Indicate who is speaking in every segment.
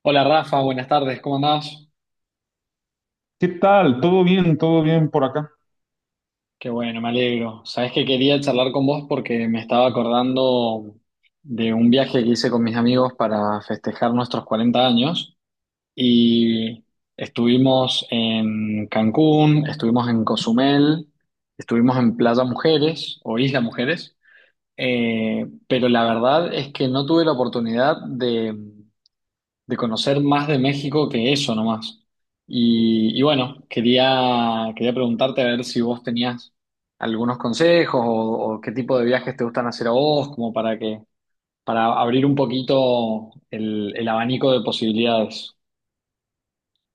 Speaker 1: Hola Rafa, buenas tardes, ¿cómo andás?
Speaker 2: ¿Qué tal? ¿Todo bien? ¿Todo bien por acá?
Speaker 1: Qué bueno, me alegro. Sabés que quería charlar con vos porque me estaba acordando de un viaje que hice con mis amigos para festejar nuestros 40 años y estuvimos en Cancún, estuvimos en Cozumel, estuvimos en Playa Mujeres o Isla Mujeres, pero la verdad es que no tuve la oportunidad de conocer más de México que eso nomás. Y bueno, quería preguntarte a ver si vos tenías algunos consejos o qué tipo de viajes te gustan hacer a vos, como para para abrir un poquito el abanico de posibilidades.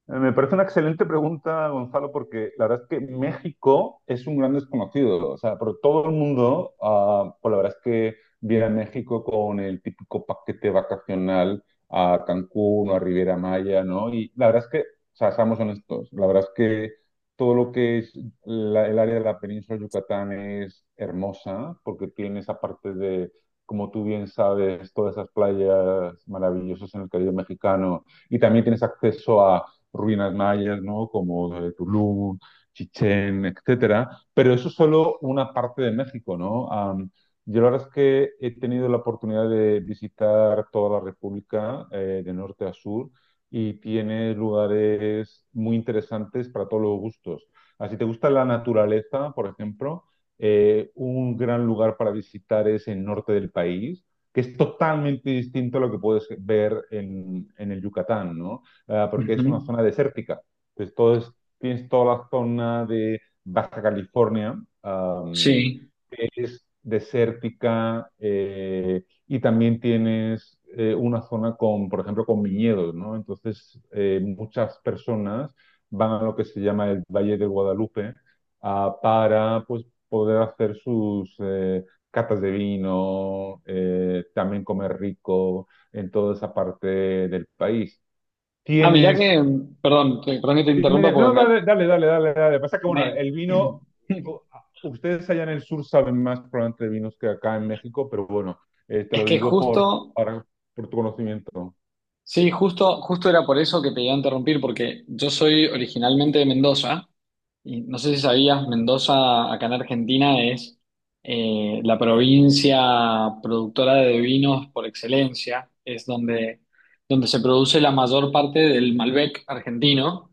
Speaker 2: Me parece una excelente pregunta, Gonzalo, porque la verdad es que México es un gran desconocido. O sea, pero todo el mundo, pues la verdad es que viene a México con el típico paquete vacacional a Cancún o a Riviera Maya, ¿no? Y la verdad es que, o sea, seamos honestos, la verdad es que todo lo que es el área de la península de Yucatán es hermosa, porque tiene esa parte de, como tú bien sabes, todas esas playas maravillosas en el Caribe mexicano y también tienes acceso a ruinas mayas, ¿no? Como Tulum, Chichén, etcétera. Pero eso es solo una parte de México, ¿no? Yo la verdad es que he tenido la oportunidad de visitar toda la República, de norte a sur, y tiene lugares muy interesantes para todos los gustos. Así te gusta la naturaleza, por ejemplo, un gran lugar para visitar es el norte del país, que es totalmente distinto a lo que puedes ver en el Yucatán, ¿no? Porque es una
Speaker 1: Ujú.
Speaker 2: zona desértica. Entonces, todo es, tienes toda la zona de Baja California, um,
Speaker 1: Sí.
Speaker 2: que es desértica, y también tienes una zona con, por ejemplo, con viñedos, ¿no? Entonces, muchas personas van a lo que se llama el Valle de Guadalupe para, pues, poder hacer sus catas de vino, también comer rico en toda esa parte del país.
Speaker 1: Ah, mirá que,
Speaker 2: Tienes.
Speaker 1: perdón, perdón que te
Speaker 2: Y
Speaker 1: interrumpa porque
Speaker 2: no,
Speaker 1: me,
Speaker 2: dale, dale, dale, dale, dale. Pasa que, bueno,
Speaker 1: me-
Speaker 2: el vino, u- ustedes allá en el sur saben más probablemente de vinos que acá en México, pero bueno, te
Speaker 1: es
Speaker 2: lo
Speaker 1: que
Speaker 2: digo por,
Speaker 1: justo.
Speaker 2: por tu conocimiento.
Speaker 1: Sí, justo, justo era por eso que te iba a interrumpir, porque yo soy originalmente de Mendoza, y no sé si sabías, Mendoza acá en Argentina es la provincia productora de vinos por excelencia, es donde, donde se produce la mayor parte del Malbec argentino.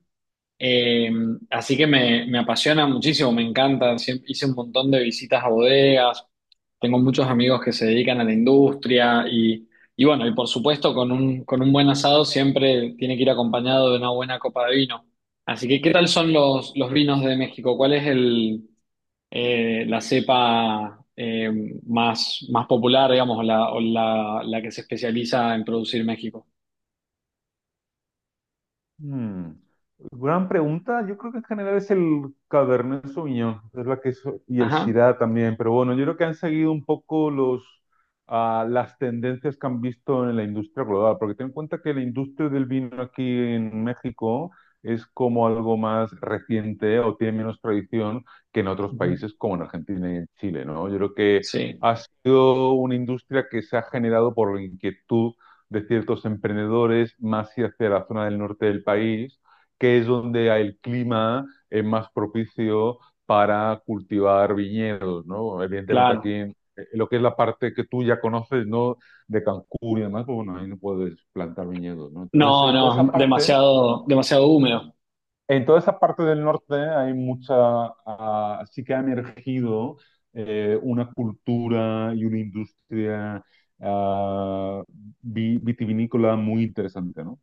Speaker 1: Eh, Así que me apasiona muchísimo, me encanta. Siempre, hice un montón de visitas a bodegas, tengo muchos amigos que se dedican a la industria y bueno, y por supuesto con un buen asado siempre tiene que ir acompañado de una buena copa de vino. Así que, ¿qué tal son los vinos de México? ¿Cuál es el, la cepa más, más popular, digamos, o la, la que se especializa en producir México?
Speaker 2: Hmm. Gran pregunta. Yo creo que en general es el Cabernet Sauvignon, es la que y el
Speaker 1: Ajá.
Speaker 2: Syrah también. Pero bueno, yo creo que han seguido un poco las tendencias que han visto en la industria global. Porque ten en cuenta que la industria del vino aquí en México es como algo más reciente o tiene menos tradición que en otros
Speaker 1: Ujú.
Speaker 2: países como en Argentina y en Chile, ¿no? Yo creo que
Speaker 1: Sí,
Speaker 2: ha sido una industria que se ha generado por la inquietud de ciertos emprendedores más y hacia la zona del norte del país, que es donde el clima es más propicio para cultivar viñedos, ¿no? Evidentemente aquí
Speaker 1: claro.
Speaker 2: en lo que es la parte que tú ya conoces, ¿no? De Cancún y demás, pues bueno, ahí no puedes plantar viñedos, ¿no?
Speaker 1: No,
Speaker 2: Entonces, toda esa
Speaker 1: no,
Speaker 2: parte
Speaker 1: demasiado, demasiado húmedo.
Speaker 2: en toda esa parte del norte hay mucha, sí que ha emergido una cultura y una industria ah, vitivinícola muy interesante, ¿no?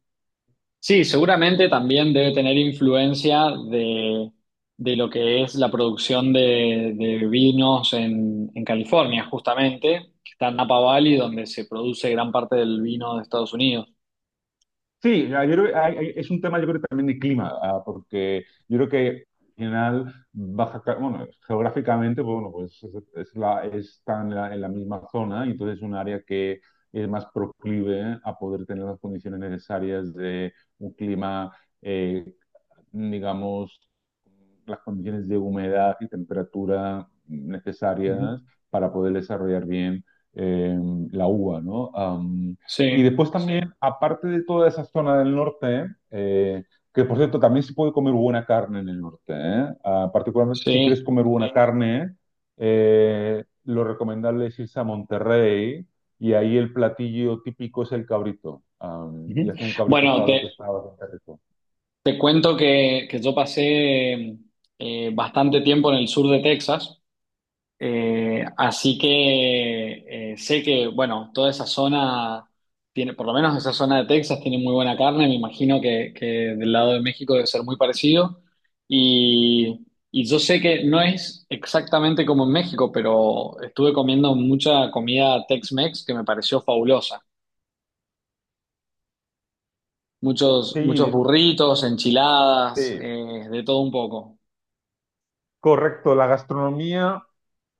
Speaker 1: Sí, seguramente también debe tener influencia de lo que es la producción de vinos en California, justamente, que está en Napa Valley, donde se produce gran parte del vino de Estados Unidos.
Speaker 2: Sí, yo creo que es un tema yo creo que también de clima, porque yo creo que al final bueno, geográficamente, pues, bueno, pues es la, está en la misma zona y entonces es un área que es más proclive a poder tener las condiciones necesarias de un clima eh, digamos, las condiciones de humedad y temperatura
Speaker 1: Ujú.
Speaker 2: necesarias para poder desarrollar bien eh, la uva, ¿no? Y
Speaker 1: Sí,
Speaker 2: después sí, también, aparte de toda esa zona del norte, que por cierto, también se puede comer buena carne en el norte, ¿eh? Ah, particularmente si quieres
Speaker 1: sí.
Speaker 2: comer buena Sí. carne, lo recomendable es irse a Monterrey y ahí el platillo típico es el cabrito. Y
Speaker 1: Ujú.
Speaker 2: hace un cabrito el
Speaker 1: Bueno,
Speaker 2: asado
Speaker 1: te,
Speaker 2: que está bastante rico.
Speaker 1: te cuento que yo pasé bastante tiempo en el sur de Texas. Así que sé que, bueno, toda esa zona tiene, por lo menos esa zona de Texas tiene muy buena carne, me imagino que del lado de México debe ser muy parecido. Y, y yo sé que no es exactamente como en México, pero estuve comiendo mucha comida Tex-Mex que me pareció fabulosa. Muchos, muchos
Speaker 2: Sí,
Speaker 1: burritos, enchiladas,
Speaker 2: sí,
Speaker 1: de todo un poco.
Speaker 2: correcto. La gastronomía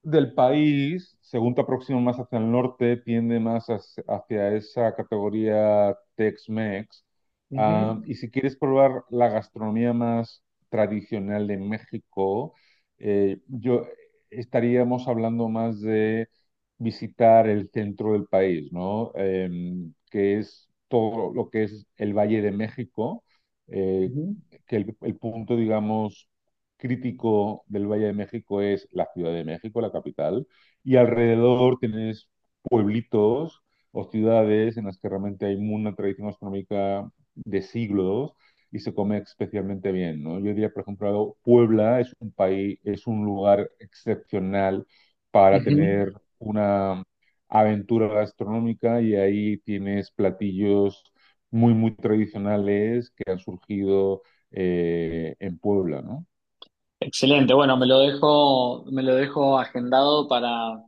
Speaker 2: del país, según te aproximas más hacia el norte, tiende más hacia, hacia esa categoría Tex-Mex.
Speaker 1: Ujú,
Speaker 2: Ah, y si quieres probar la gastronomía más tradicional de México, yo estaríamos hablando más de visitar el centro del país, ¿no? Que es todo lo que es el Valle de México, eh,
Speaker 1: ujú,
Speaker 2: que el punto, digamos crítico del Valle de México es la Ciudad de México, la capital, y alrededor tienes pueblitos o ciudades en las que realmente hay una tradición gastronómica de siglos y se come especialmente bien, ¿no? Yo diría, por ejemplo, Puebla es un país, es un lugar excepcional para
Speaker 1: ujú.
Speaker 2: tener una aventura gastronómica y ahí tienes platillos muy, muy tradicionales que han surgido en Puebla, ¿no?
Speaker 1: Excelente, bueno, me lo dejo agendado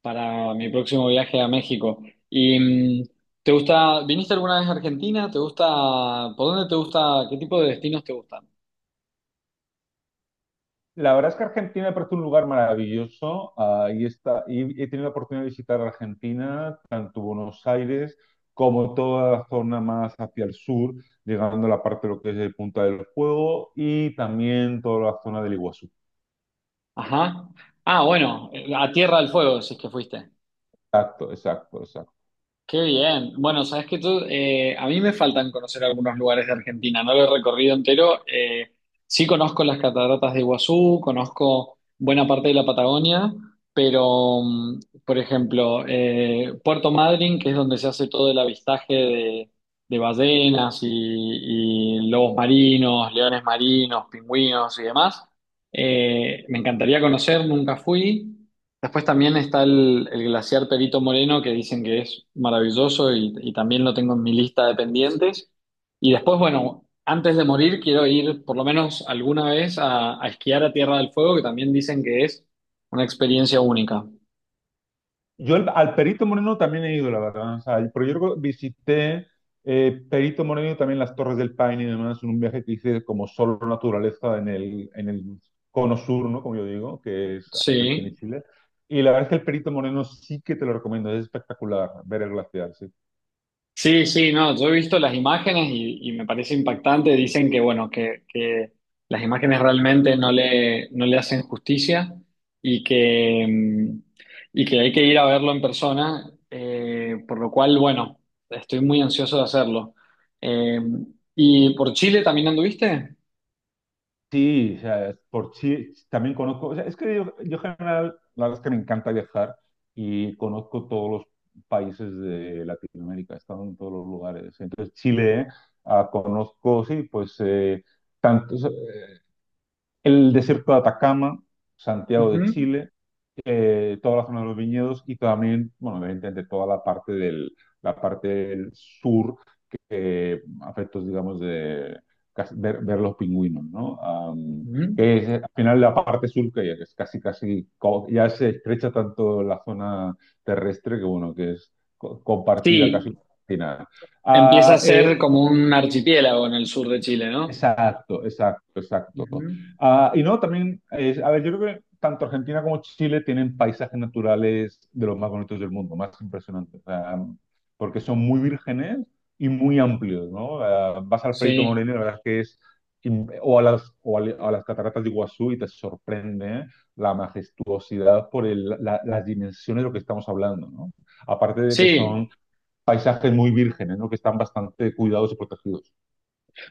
Speaker 1: para mi próximo viaje a México. ¿Y mm, te gusta, viniste alguna vez a Argentina? ¿Te gusta, por dónde te gusta, qué tipo de destinos te gustan?
Speaker 2: La verdad es que Argentina me parece un lugar maravilloso. Ahí está, y he tenido la oportunidad de visitar Argentina, tanto Buenos Aires como toda la zona más hacia el sur, llegando a la parte de lo que es el Punta del Fuego y también toda la zona del Iguazú.
Speaker 1: Ajá. Ah, bueno, a Tierra del Fuego, si es que fuiste.
Speaker 2: Exacto, exacto, exacto.
Speaker 1: Qué bien. Bueno, sabes que tú, a mí me faltan conocer algunos lugares de Argentina, no lo he recorrido entero. Sí conozco las cataratas de Iguazú, conozco buena parte de la Patagonia, pero, por ejemplo, Puerto Madryn, que es donde se hace todo el avistaje de ballenas y lobos marinos, leones marinos, pingüinos y demás, me encantaría conocer, nunca fui. Después también está el glaciar Perito Moreno, que dicen que es maravilloso y también lo tengo en mi lista de pendientes. Y después, bueno, antes de morir quiero ir por lo menos alguna vez a esquiar a Tierra del Fuego, que también dicen que es una experiencia única.
Speaker 2: Yo al Perito Moreno también he ido, la verdad. O sea, pero yo creo que visité Perito Moreno y también las Torres del Paine y demás en un viaje que hice como solo naturaleza en el cono sur, ¿no? Como yo digo, que es Argentina y
Speaker 1: Sí.
Speaker 2: Chile. Y la verdad es que el Perito Moreno sí que te lo recomiendo, es espectacular ver el glaciar, sí.
Speaker 1: Sí, sí, no, yo he visto las imágenes y me parece impactante. Dicen que, bueno, que las imágenes realmente no le, no le hacen justicia y que, y que hay que ir a verlo en persona, por lo cual, bueno, estoy muy ansioso de hacerlo. Eh, ¿Y por Chile también anduviste?
Speaker 2: Sí, o sea, por sí también conozco, o sea, es que yo en general, la verdad es que me encanta viajar y conozco todos los países de Latinoamérica, he estado en todos los lugares. Entonces, Chile, conozco, sí, pues, tanto, el desierto de Atacama, Santiago de
Speaker 1: Ujú,
Speaker 2: Chile, toda la zona de los viñedos y también, bueno, evidentemente toda la parte la parte del sur afectos, digamos, de ver, ver los pingüinos, ¿no?
Speaker 1: ujú.
Speaker 2: Que es, al final la parte sur que ya que es casi, casi, ya se estrecha tanto la zona terrestre que, bueno, que es compartida
Speaker 1: Sí,
Speaker 2: casi con la China.
Speaker 1: empieza a
Speaker 2: Ah,
Speaker 1: ser
Speaker 2: eh,
Speaker 1: como un archipiélago en el sur de Chile, ¿no?
Speaker 2: exacto, exacto, exacto.
Speaker 1: Ujú.
Speaker 2: Ah, y no, también, a ver, yo creo que tanto Argentina como Chile tienen paisajes naturales de los más bonitos del mundo, más impresionantes, o sea, porque son muy vírgenes y muy amplios, ¿no? Ah, vas al Perito
Speaker 1: Sí,
Speaker 2: Moreno y la verdad es que es, o a o a las cataratas de Iguazú y te sorprende la majestuosidad por las dimensiones de lo que estamos hablando, ¿no? Aparte de que son
Speaker 1: sí.
Speaker 2: paisajes muy vírgenes, ¿no? Que están bastante cuidados y protegidos.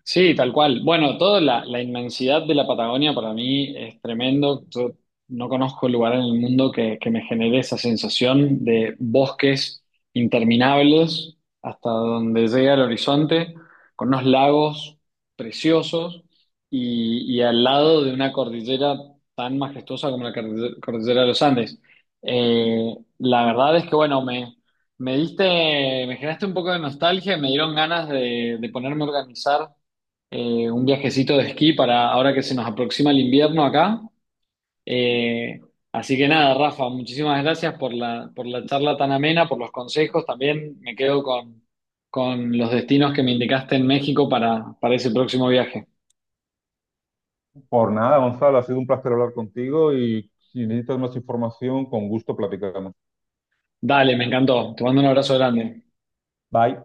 Speaker 1: Sí, tal cual. Bueno, toda la, la inmensidad de la Patagonia para mí es tremendo. Yo no conozco lugar en el mundo que me genere esa sensación de bosques interminables hasta donde llega el horizonte, con unos lagos preciosos y al lado de una cordillera tan majestuosa como la cordillera de los Andes. La verdad es que, bueno, me... Me diste, me generaste un poco de nostalgia, y me dieron ganas de ponerme a organizar un viajecito de esquí para ahora que se nos aproxima el invierno acá. Eh, así que nada, Rafa, muchísimas gracias por la charla tan amena, por los consejos. También me quedo con los destinos que me indicaste en México para ese próximo viaje.
Speaker 2: Por nada, Gonzalo, ha sido un placer hablar contigo y si necesitas más información, con gusto platicamos.
Speaker 1: Dale, me encantó. Te mando un abrazo grande.
Speaker 2: Bye.